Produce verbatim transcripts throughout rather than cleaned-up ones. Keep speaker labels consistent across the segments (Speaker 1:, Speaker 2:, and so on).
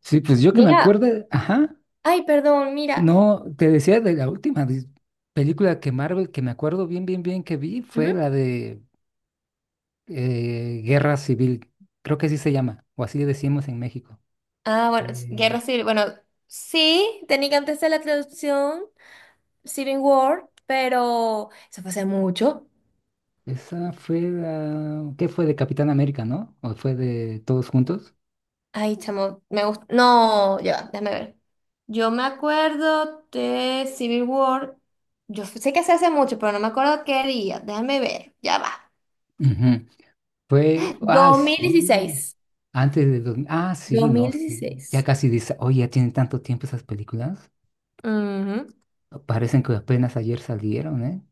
Speaker 1: Sí, pues yo que me
Speaker 2: Mira,
Speaker 1: acuerde, ajá,
Speaker 2: Ay, perdón, mira.
Speaker 1: no, te decía de la última dis- película que Marvel, que me acuerdo bien, bien, bien que vi, fue
Speaker 2: Ujú.
Speaker 1: la de eh, Guerra Civil, creo que así se llama, o así le decimos en México.
Speaker 2: Ah, bueno, s-
Speaker 1: Eh,
Speaker 2: Guerra Civil. Bueno, sí, tenía que antes de la traducción Civil War, pero eso fue hace mucho.
Speaker 1: esa fue la, ¿qué fue de Capitán América, no? ¿O fue de Todos Juntos?
Speaker 2: Ay, chamo, me gusta. No, ya, va, déjame ver. Yo me acuerdo de Civil War. Yo sé que se hace mucho, pero no me acuerdo qué día. Déjame ver, ya va.
Speaker 1: Ujú. Fue, ah,
Speaker 2: dos dos mil
Speaker 1: sí,
Speaker 2: dieciséis,
Speaker 1: antes de, dos- mil, ah, sí,
Speaker 2: dos
Speaker 1: no,
Speaker 2: mil
Speaker 1: sí, ya
Speaker 2: dieciséis,
Speaker 1: casi dice, oye, ya tienen tanto tiempo esas películas,
Speaker 2: Ujú.
Speaker 1: parecen que apenas ayer salieron, ¿eh?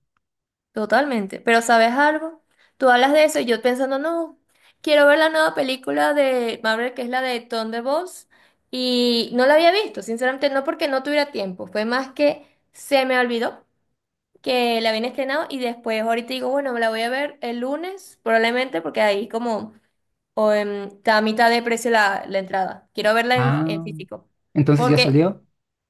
Speaker 2: Totalmente. Pero ¿sabes algo? Tú hablas de eso y yo pensando, no, quiero ver la nueva película de Marvel, que es la de Thunderbolts, y no la había visto, sinceramente, no porque no tuviera tiempo, fue más que se me olvidó que la habían estrenado y después ahorita digo, bueno, me la voy a ver el lunes, probablemente, porque ahí como o, em, está a mitad de precio la, la entrada. Quiero verla en, en
Speaker 1: Ah,
Speaker 2: físico.
Speaker 1: entonces ya
Speaker 2: Porque
Speaker 1: salió.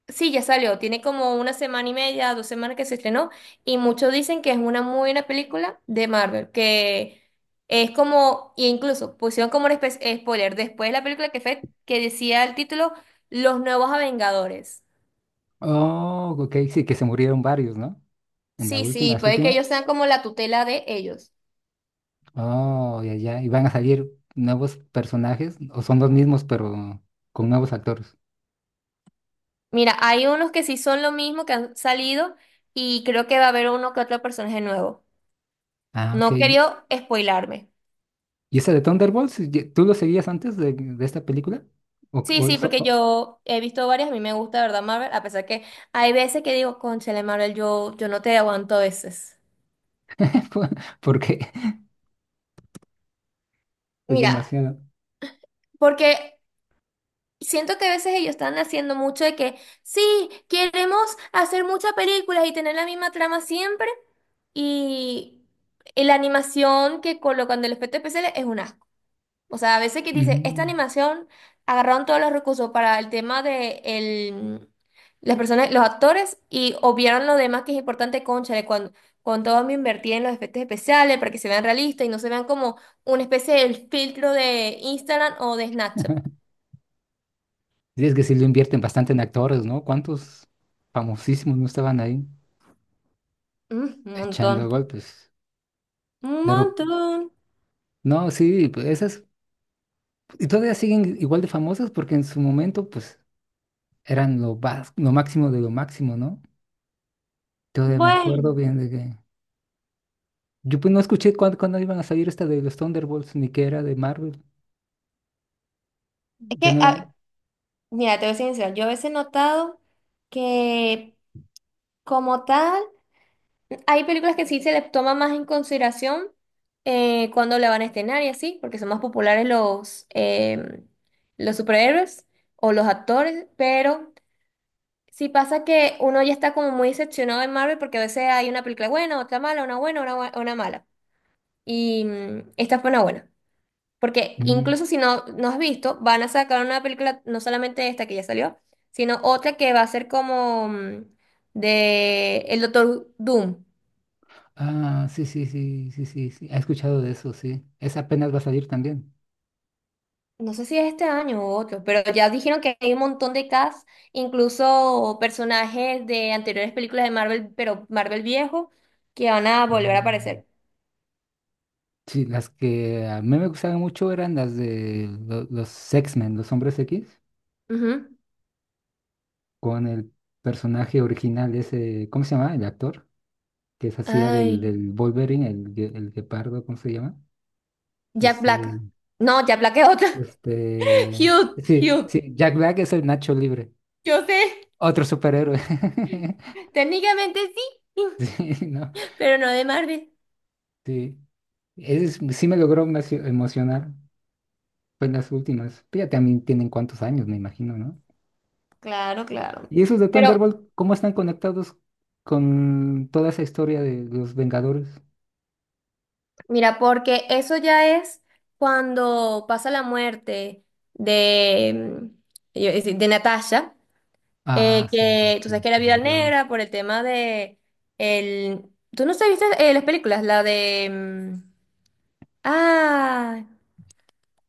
Speaker 2: sí, ya salió. Tiene como una semana y media, dos semanas que se estrenó. Y muchos dicen que es una muy buena película de Marvel. Que es como, e incluso pusieron como un espe- spoiler después de la película que fue, que decía el título, Los Nuevos Vengadores.
Speaker 1: Oh, ok, sí, que se murieron varios, ¿no? En la
Speaker 2: Sí,
Speaker 1: última,
Speaker 2: sí,
Speaker 1: las
Speaker 2: puede que
Speaker 1: últimas.
Speaker 2: ellos sean como la tutela de ellos.
Speaker 1: Oh, ya, ya. Y van a salir nuevos personajes, o son los mismos, pero con nuevos actores.
Speaker 2: Mira, hay unos que sí son lo mismo, que han salido. Y creo que va a haber uno que otro personaje nuevo.
Speaker 1: Ah, ok.
Speaker 2: No
Speaker 1: ¿Y
Speaker 2: quería spoilarme.
Speaker 1: esa de Thunderbolts, ye- tú lo seguías antes de, de esta película? ¿O,
Speaker 2: Sí,
Speaker 1: o
Speaker 2: sí,
Speaker 1: so-
Speaker 2: porque
Speaker 1: o-
Speaker 2: yo he visto varias, a mí me gusta, de ¿verdad, Marvel? A pesar que hay veces que digo, cónchale, Marvel, yo, yo no te aguanto a veces.
Speaker 1: Porque es
Speaker 2: Mira,
Speaker 1: demasiado.
Speaker 2: porque siento que a veces ellos están haciendo mucho de que, sí, queremos hacer muchas películas y tener la misma trama siempre, y, y la animación que colocan del efecto especial es una. O sea, a veces que dice, esta
Speaker 1: Mm.
Speaker 2: animación agarraron todos los recursos para el tema de el, las personas, los actores y obviaron lo demás que es importante, cónchale, cuando, con todo me invertí en los efectos especiales para que se vean realistas y no se vean como una especie de filtro de Instagram o de Snapchat.
Speaker 1: Sí, es que sí lo invierten bastante en actores, ¿no? ¿Cuántos famosísimos no estaban ahí
Speaker 2: Mm, un
Speaker 1: echando
Speaker 2: montón,
Speaker 1: golpes?
Speaker 2: un
Speaker 1: Pero
Speaker 2: montón.
Speaker 1: no, sí, pues esas. Y todavía siguen igual de famosas porque en su momento, pues, eran lo, vas- lo máximo de lo máximo, ¿no? Todavía me acuerdo
Speaker 2: Bueno,
Speaker 1: bien de que. Yo pues no escuché cuándo, cuándo iban a salir esta de los Thunderbolts, ni que era de Marvel.
Speaker 2: es
Speaker 1: Ya
Speaker 2: que,
Speaker 1: no era.
Speaker 2: ah, mira, te voy a ser sincera, yo a veces he notado que como tal. Hay películas que sí se les toma más en consideración, eh, cuando la van a estrenar y así, porque son más populares los, em, los superhéroes o los actores, pero sí pasa que uno ya está como muy decepcionado de Marvel porque a veces hay una película buena, otra mala, una buena, una, bua- una mala. Y mm, esta fue una buena, porque
Speaker 1: Mm.
Speaker 2: incluso si no, no has visto, van a sacar una película, no solamente esta que ya salió, sino otra que va a ser como mm, de el Doctor Doom.
Speaker 1: Ah, sí, sí, sí, sí, sí, sí. He escuchado de eso, sí. Esa apenas va a salir también.
Speaker 2: No sé si es este año o otro, pero ya dijeron que hay un montón de cast, incluso personajes de anteriores películas de Marvel, pero Marvel viejo, que van a volver a
Speaker 1: Mm.
Speaker 2: aparecer.
Speaker 1: Sí, las que a mí me gustaban mucho eran las de lo- los X-Men, los Hombres X,
Speaker 2: Ujú.
Speaker 1: con el personaje original, ese. ¿Cómo se llama el actor? Que se hacía del,
Speaker 2: Ay,
Speaker 1: del Wolverine, el, gue- el guepardo, ¿cómo se llama?
Speaker 2: Jack
Speaker 1: Este,
Speaker 2: Black. No, Jack Black es otro.
Speaker 1: este,
Speaker 2: Hugh,
Speaker 1: sí,
Speaker 2: Hugh.
Speaker 1: sí, Jack Black es el Nacho Libre,
Speaker 2: Yo sé,
Speaker 1: otro superhéroe.
Speaker 2: técnicamente sí,
Speaker 1: Sí, no,
Speaker 2: pero no de Marvel.
Speaker 1: sí, es, sí me logró emocio- emocionar, fue en las últimas, pero ya también tienen cuántos años, me imagino, ¿no?
Speaker 2: Claro, claro.
Speaker 1: Y esos de
Speaker 2: Pero
Speaker 1: Thunderbolt, ¿cómo están conectados con toda esa historia de los Vengadores?
Speaker 2: mira, porque eso ya es cuando pasa la muerte de, mm, de Natasha.
Speaker 1: Ah,
Speaker 2: Eh,
Speaker 1: sí, sí,
Speaker 2: que tú sabes
Speaker 1: sí,
Speaker 2: que era
Speaker 1: se
Speaker 2: vida
Speaker 1: murió.
Speaker 2: Negra por el tema de el. ¿Tú no sabiste eh, las películas? La de. mm, Ah,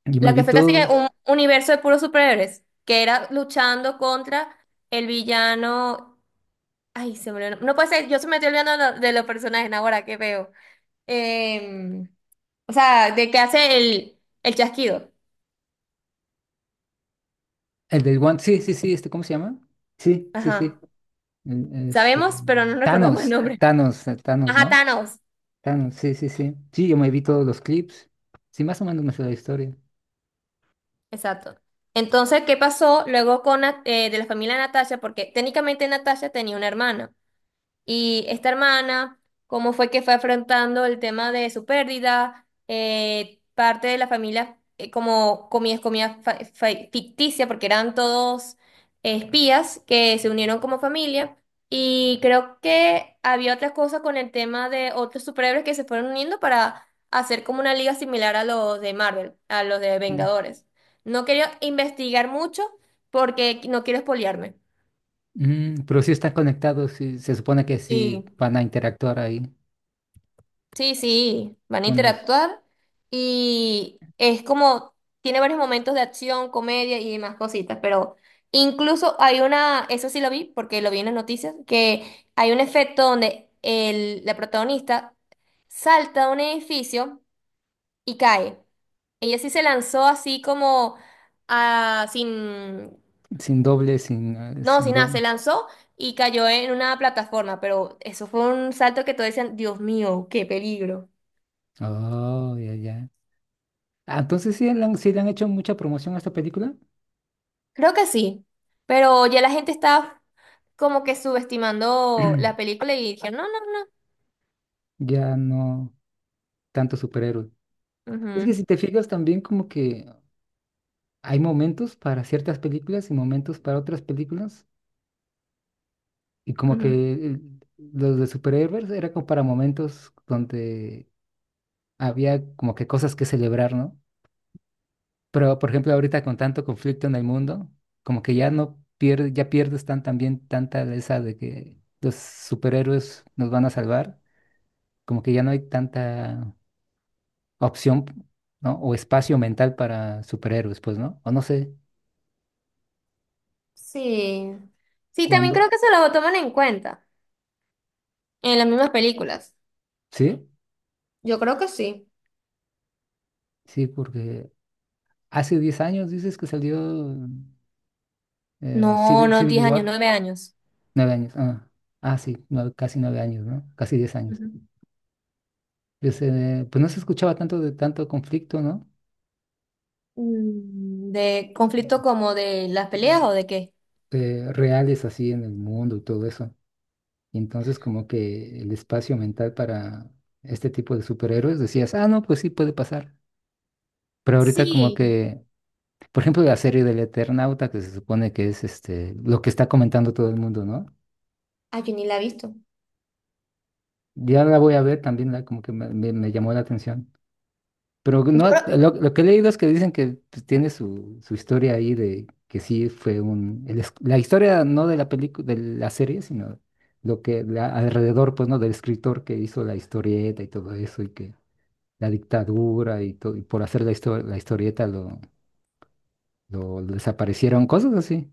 Speaker 1: Yo me
Speaker 2: la que
Speaker 1: vi
Speaker 2: fue casi que
Speaker 1: todos.
Speaker 2: un universo de puros superhéroes, que era luchando contra el villano. Ay, se me olvidó. No puede ser, yo se me estoy olvidando de, lo- de los personajes ahora que veo. Em, o sea, de que hace el, el chasquido.
Speaker 1: El del One, sí, sí, sí, este, ¿cómo se llama? Sí, sí,
Speaker 2: Ajá.
Speaker 1: sí. en- Este,
Speaker 2: Sabemos, pero no recordamos el
Speaker 1: Thanos,
Speaker 2: nombre.
Speaker 1: Thanos, eh, Thanos,
Speaker 2: Ajá,
Speaker 1: ¿no?
Speaker 2: Thanos.
Speaker 1: Thanos, sí, sí, sí. Sí, yo me vi todos los clips. Sí, más o menos me sé la historia.
Speaker 2: Exacto. Entonces, ¿qué pasó luego con Nat- eh, de la familia de Natasha? Porque técnicamente Natasha tenía una hermana. Y esta hermana, cómo fue que fue afrontando el tema de su pérdida, eh, parte de la familia, eh, como comía, comía fa- fa- ficticia, porque eran todos eh, espías que se unieron como familia. Y creo que había otras cosas con el tema de otros superhéroes que se fueron uniendo para hacer como una liga similar a los de Marvel, a los de
Speaker 1: Mm.
Speaker 2: Vengadores. No quería investigar mucho porque no quiero espolearme.
Speaker 1: Mm, pero sí están conectados, sí, se supone que sí
Speaker 2: Sí.
Speaker 1: van a interactuar ahí
Speaker 2: Sí, sí, van a
Speaker 1: con los
Speaker 2: interactuar y es como, tiene varios momentos de acción, comedia y demás cositas, pero incluso hay una, eso sí lo vi porque lo vi en las noticias, que hay un efecto donde el, la protagonista salta de un edificio y cae. Ella sí se lanzó así como a, sin,
Speaker 1: sin doble, sin, eh,
Speaker 2: no,
Speaker 1: sin
Speaker 2: sin nada,
Speaker 1: doble.
Speaker 2: se lanzó y cayó en una plataforma, pero eso fue un salto que todos decían, Dios mío, qué peligro.
Speaker 1: Oh, ya, ya. Ah, entonces sí le han, sí le han hecho mucha promoción a esta película.
Speaker 2: Creo que sí, pero ya la gente está como que subestimando la película y dijeron, no,
Speaker 1: Ya no tanto superhéroe.
Speaker 2: no,
Speaker 1: Es que
Speaker 2: no.
Speaker 1: si te fijas también como que hay momentos para ciertas películas y momentos para otras películas. Y como
Speaker 2: Ujú,
Speaker 1: que
Speaker 2: ujú.
Speaker 1: eh, los de superhéroes era como para momentos donde había como que cosas que celebrar, ¿no? Pero, por ejemplo, ahorita con tanto conflicto en el mundo, como que ya no pierdes, ya pierdes tan también tanta esa de que los superhéroes nos van a salvar, como que ya no hay tanta opción, ¿no? O espacio mental para superhéroes, pues, ¿no? O no sé
Speaker 2: Sí. Sí, también
Speaker 1: cuándo.
Speaker 2: creo que se lo toman en cuenta en las mismas películas.
Speaker 1: Sí,
Speaker 2: Yo creo que sí.
Speaker 1: sí, porque hace diez años dices que salió eh,
Speaker 2: No,
Speaker 1: Civil,
Speaker 2: no,
Speaker 1: Civil
Speaker 2: diez años,
Speaker 1: War.
Speaker 2: nueve años.
Speaker 1: Nueve años, ah, ah, sí, nueve- casi nueve años, ¿no? Casi diez años.
Speaker 2: Ujú.
Speaker 1: Pues, eh, pues no se escuchaba tanto de tanto conflicto, ¿no?
Speaker 2: Mm, ¿De conflicto como de las peleas
Speaker 1: Mm,
Speaker 2: o de qué?
Speaker 1: eh, reales así en el mundo y todo eso. Y entonces como que el espacio mental para este tipo de superhéroes decías, ah, no, pues sí puede pasar. Pero ahorita como
Speaker 2: Sí.
Speaker 1: que, por ejemplo, la serie del Eternauta, que se supone que es este, lo que está comentando todo el mundo, ¿no?
Speaker 2: Ah, yo ni la he visto.
Speaker 1: Ya la voy a ver, también la, como que me, me me llamó la atención. Pero
Speaker 2: Yo
Speaker 1: no,
Speaker 2: creo.
Speaker 1: lo, lo que he leído es que dicen que pues, tiene su, su historia ahí de que sí fue un... el es- la historia no de la película, de la serie, sino lo que la- alrededor, pues, ¿no? Del escritor que hizo la historieta y todo eso, y que la dictadura y todo, y por hacer la, histo- la historieta lo, lo, desaparecieron, cosas así.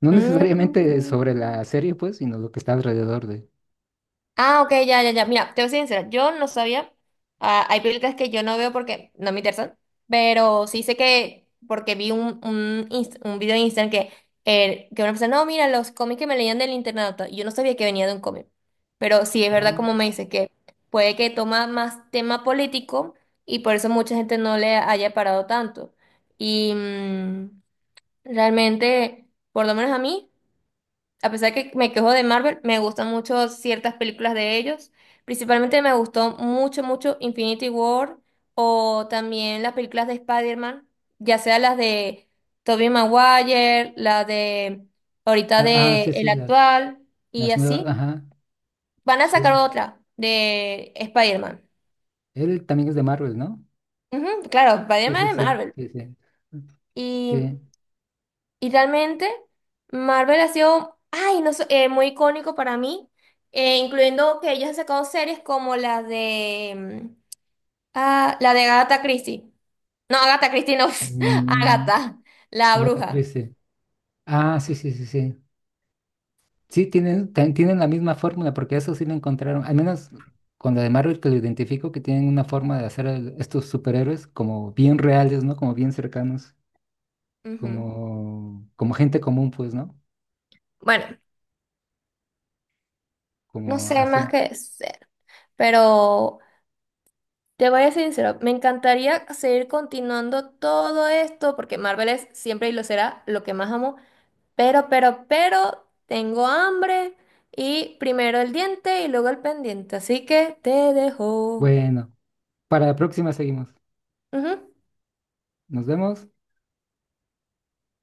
Speaker 1: No necesariamente sobre
Speaker 2: Mm.
Speaker 1: la serie, pues, sino lo que está alrededor de.
Speaker 2: Ah, ok, ya, ya, ya. Mira, te voy a ser sincera, yo no sabía. Ah, hay películas que yo no veo porque no me interesan, pero sí sé que, porque vi un, un, inst- un video en Instagram que, eh, que una persona, no, mira, los cómics que me leían del internado, yo no sabía que venía de un cómic, pero sí es verdad como
Speaker 1: Ah.
Speaker 2: me dice que puede que toma más tema político y por eso mucha gente no le haya parado tanto. Y mm, realmente, por lo menos a mí. A pesar que me quejo de Marvel, me gustan mucho ciertas películas de ellos. Principalmente me gustó mucho, mucho Infinity War o también las películas de Spider-Man, ya sea las de Tobey Maguire, la de ahorita
Speaker 1: Ah, ah,
Speaker 2: de
Speaker 1: sí,
Speaker 2: el
Speaker 1: sí, las,
Speaker 2: actual y
Speaker 1: las nuevas,
Speaker 2: así.
Speaker 1: ajá,
Speaker 2: Van a sacar
Speaker 1: sí.
Speaker 2: otra de Spider-Man.
Speaker 1: Él también es de Marvel, ¿no?
Speaker 2: Ujú, claro,
Speaker 1: Sí, sí,
Speaker 2: Spider-Man de
Speaker 1: sí,
Speaker 2: Marvel.
Speaker 1: sí, sí.
Speaker 2: Y
Speaker 1: Sí.
Speaker 2: Y realmente Marvel ha sido, ay, no sé, eh, muy icónico para mí, eh, incluyendo que ellos han sacado series como la de, mm, ah, la de Agatha Christie. No, Agatha Christie no,
Speaker 1: Mm,
Speaker 2: Agatha, la
Speaker 1: ah,
Speaker 2: bruja.
Speaker 1: crece. Ah, sí, sí, sí, sí. Sí, tienen, tan- tienen la misma fórmula, porque eso sí lo encontraron. Al menos con la de Marvel que lo identifico, que tienen una forma de hacer el- estos superhéroes como bien reales, ¿no? Como bien cercanos,
Speaker 2: Ujú.
Speaker 1: como, como gente común, pues, ¿no?
Speaker 2: Bueno, no
Speaker 1: Como
Speaker 2: sé más
Speaker 1: así.
Speaker 2: que decir, pero te voy a ser sincero, me encantaría seguir continuando todo esto porque Marvel es siempre y lo será lo que más amo. Pero, pero, pero, tengo hambre y primero el diente y luego el pendiente, así que te dejo.
Speaker 1: Bueno, para la próxima seguimos.
Speaker 2: Ujú.
Speaker 1: Nos vemos.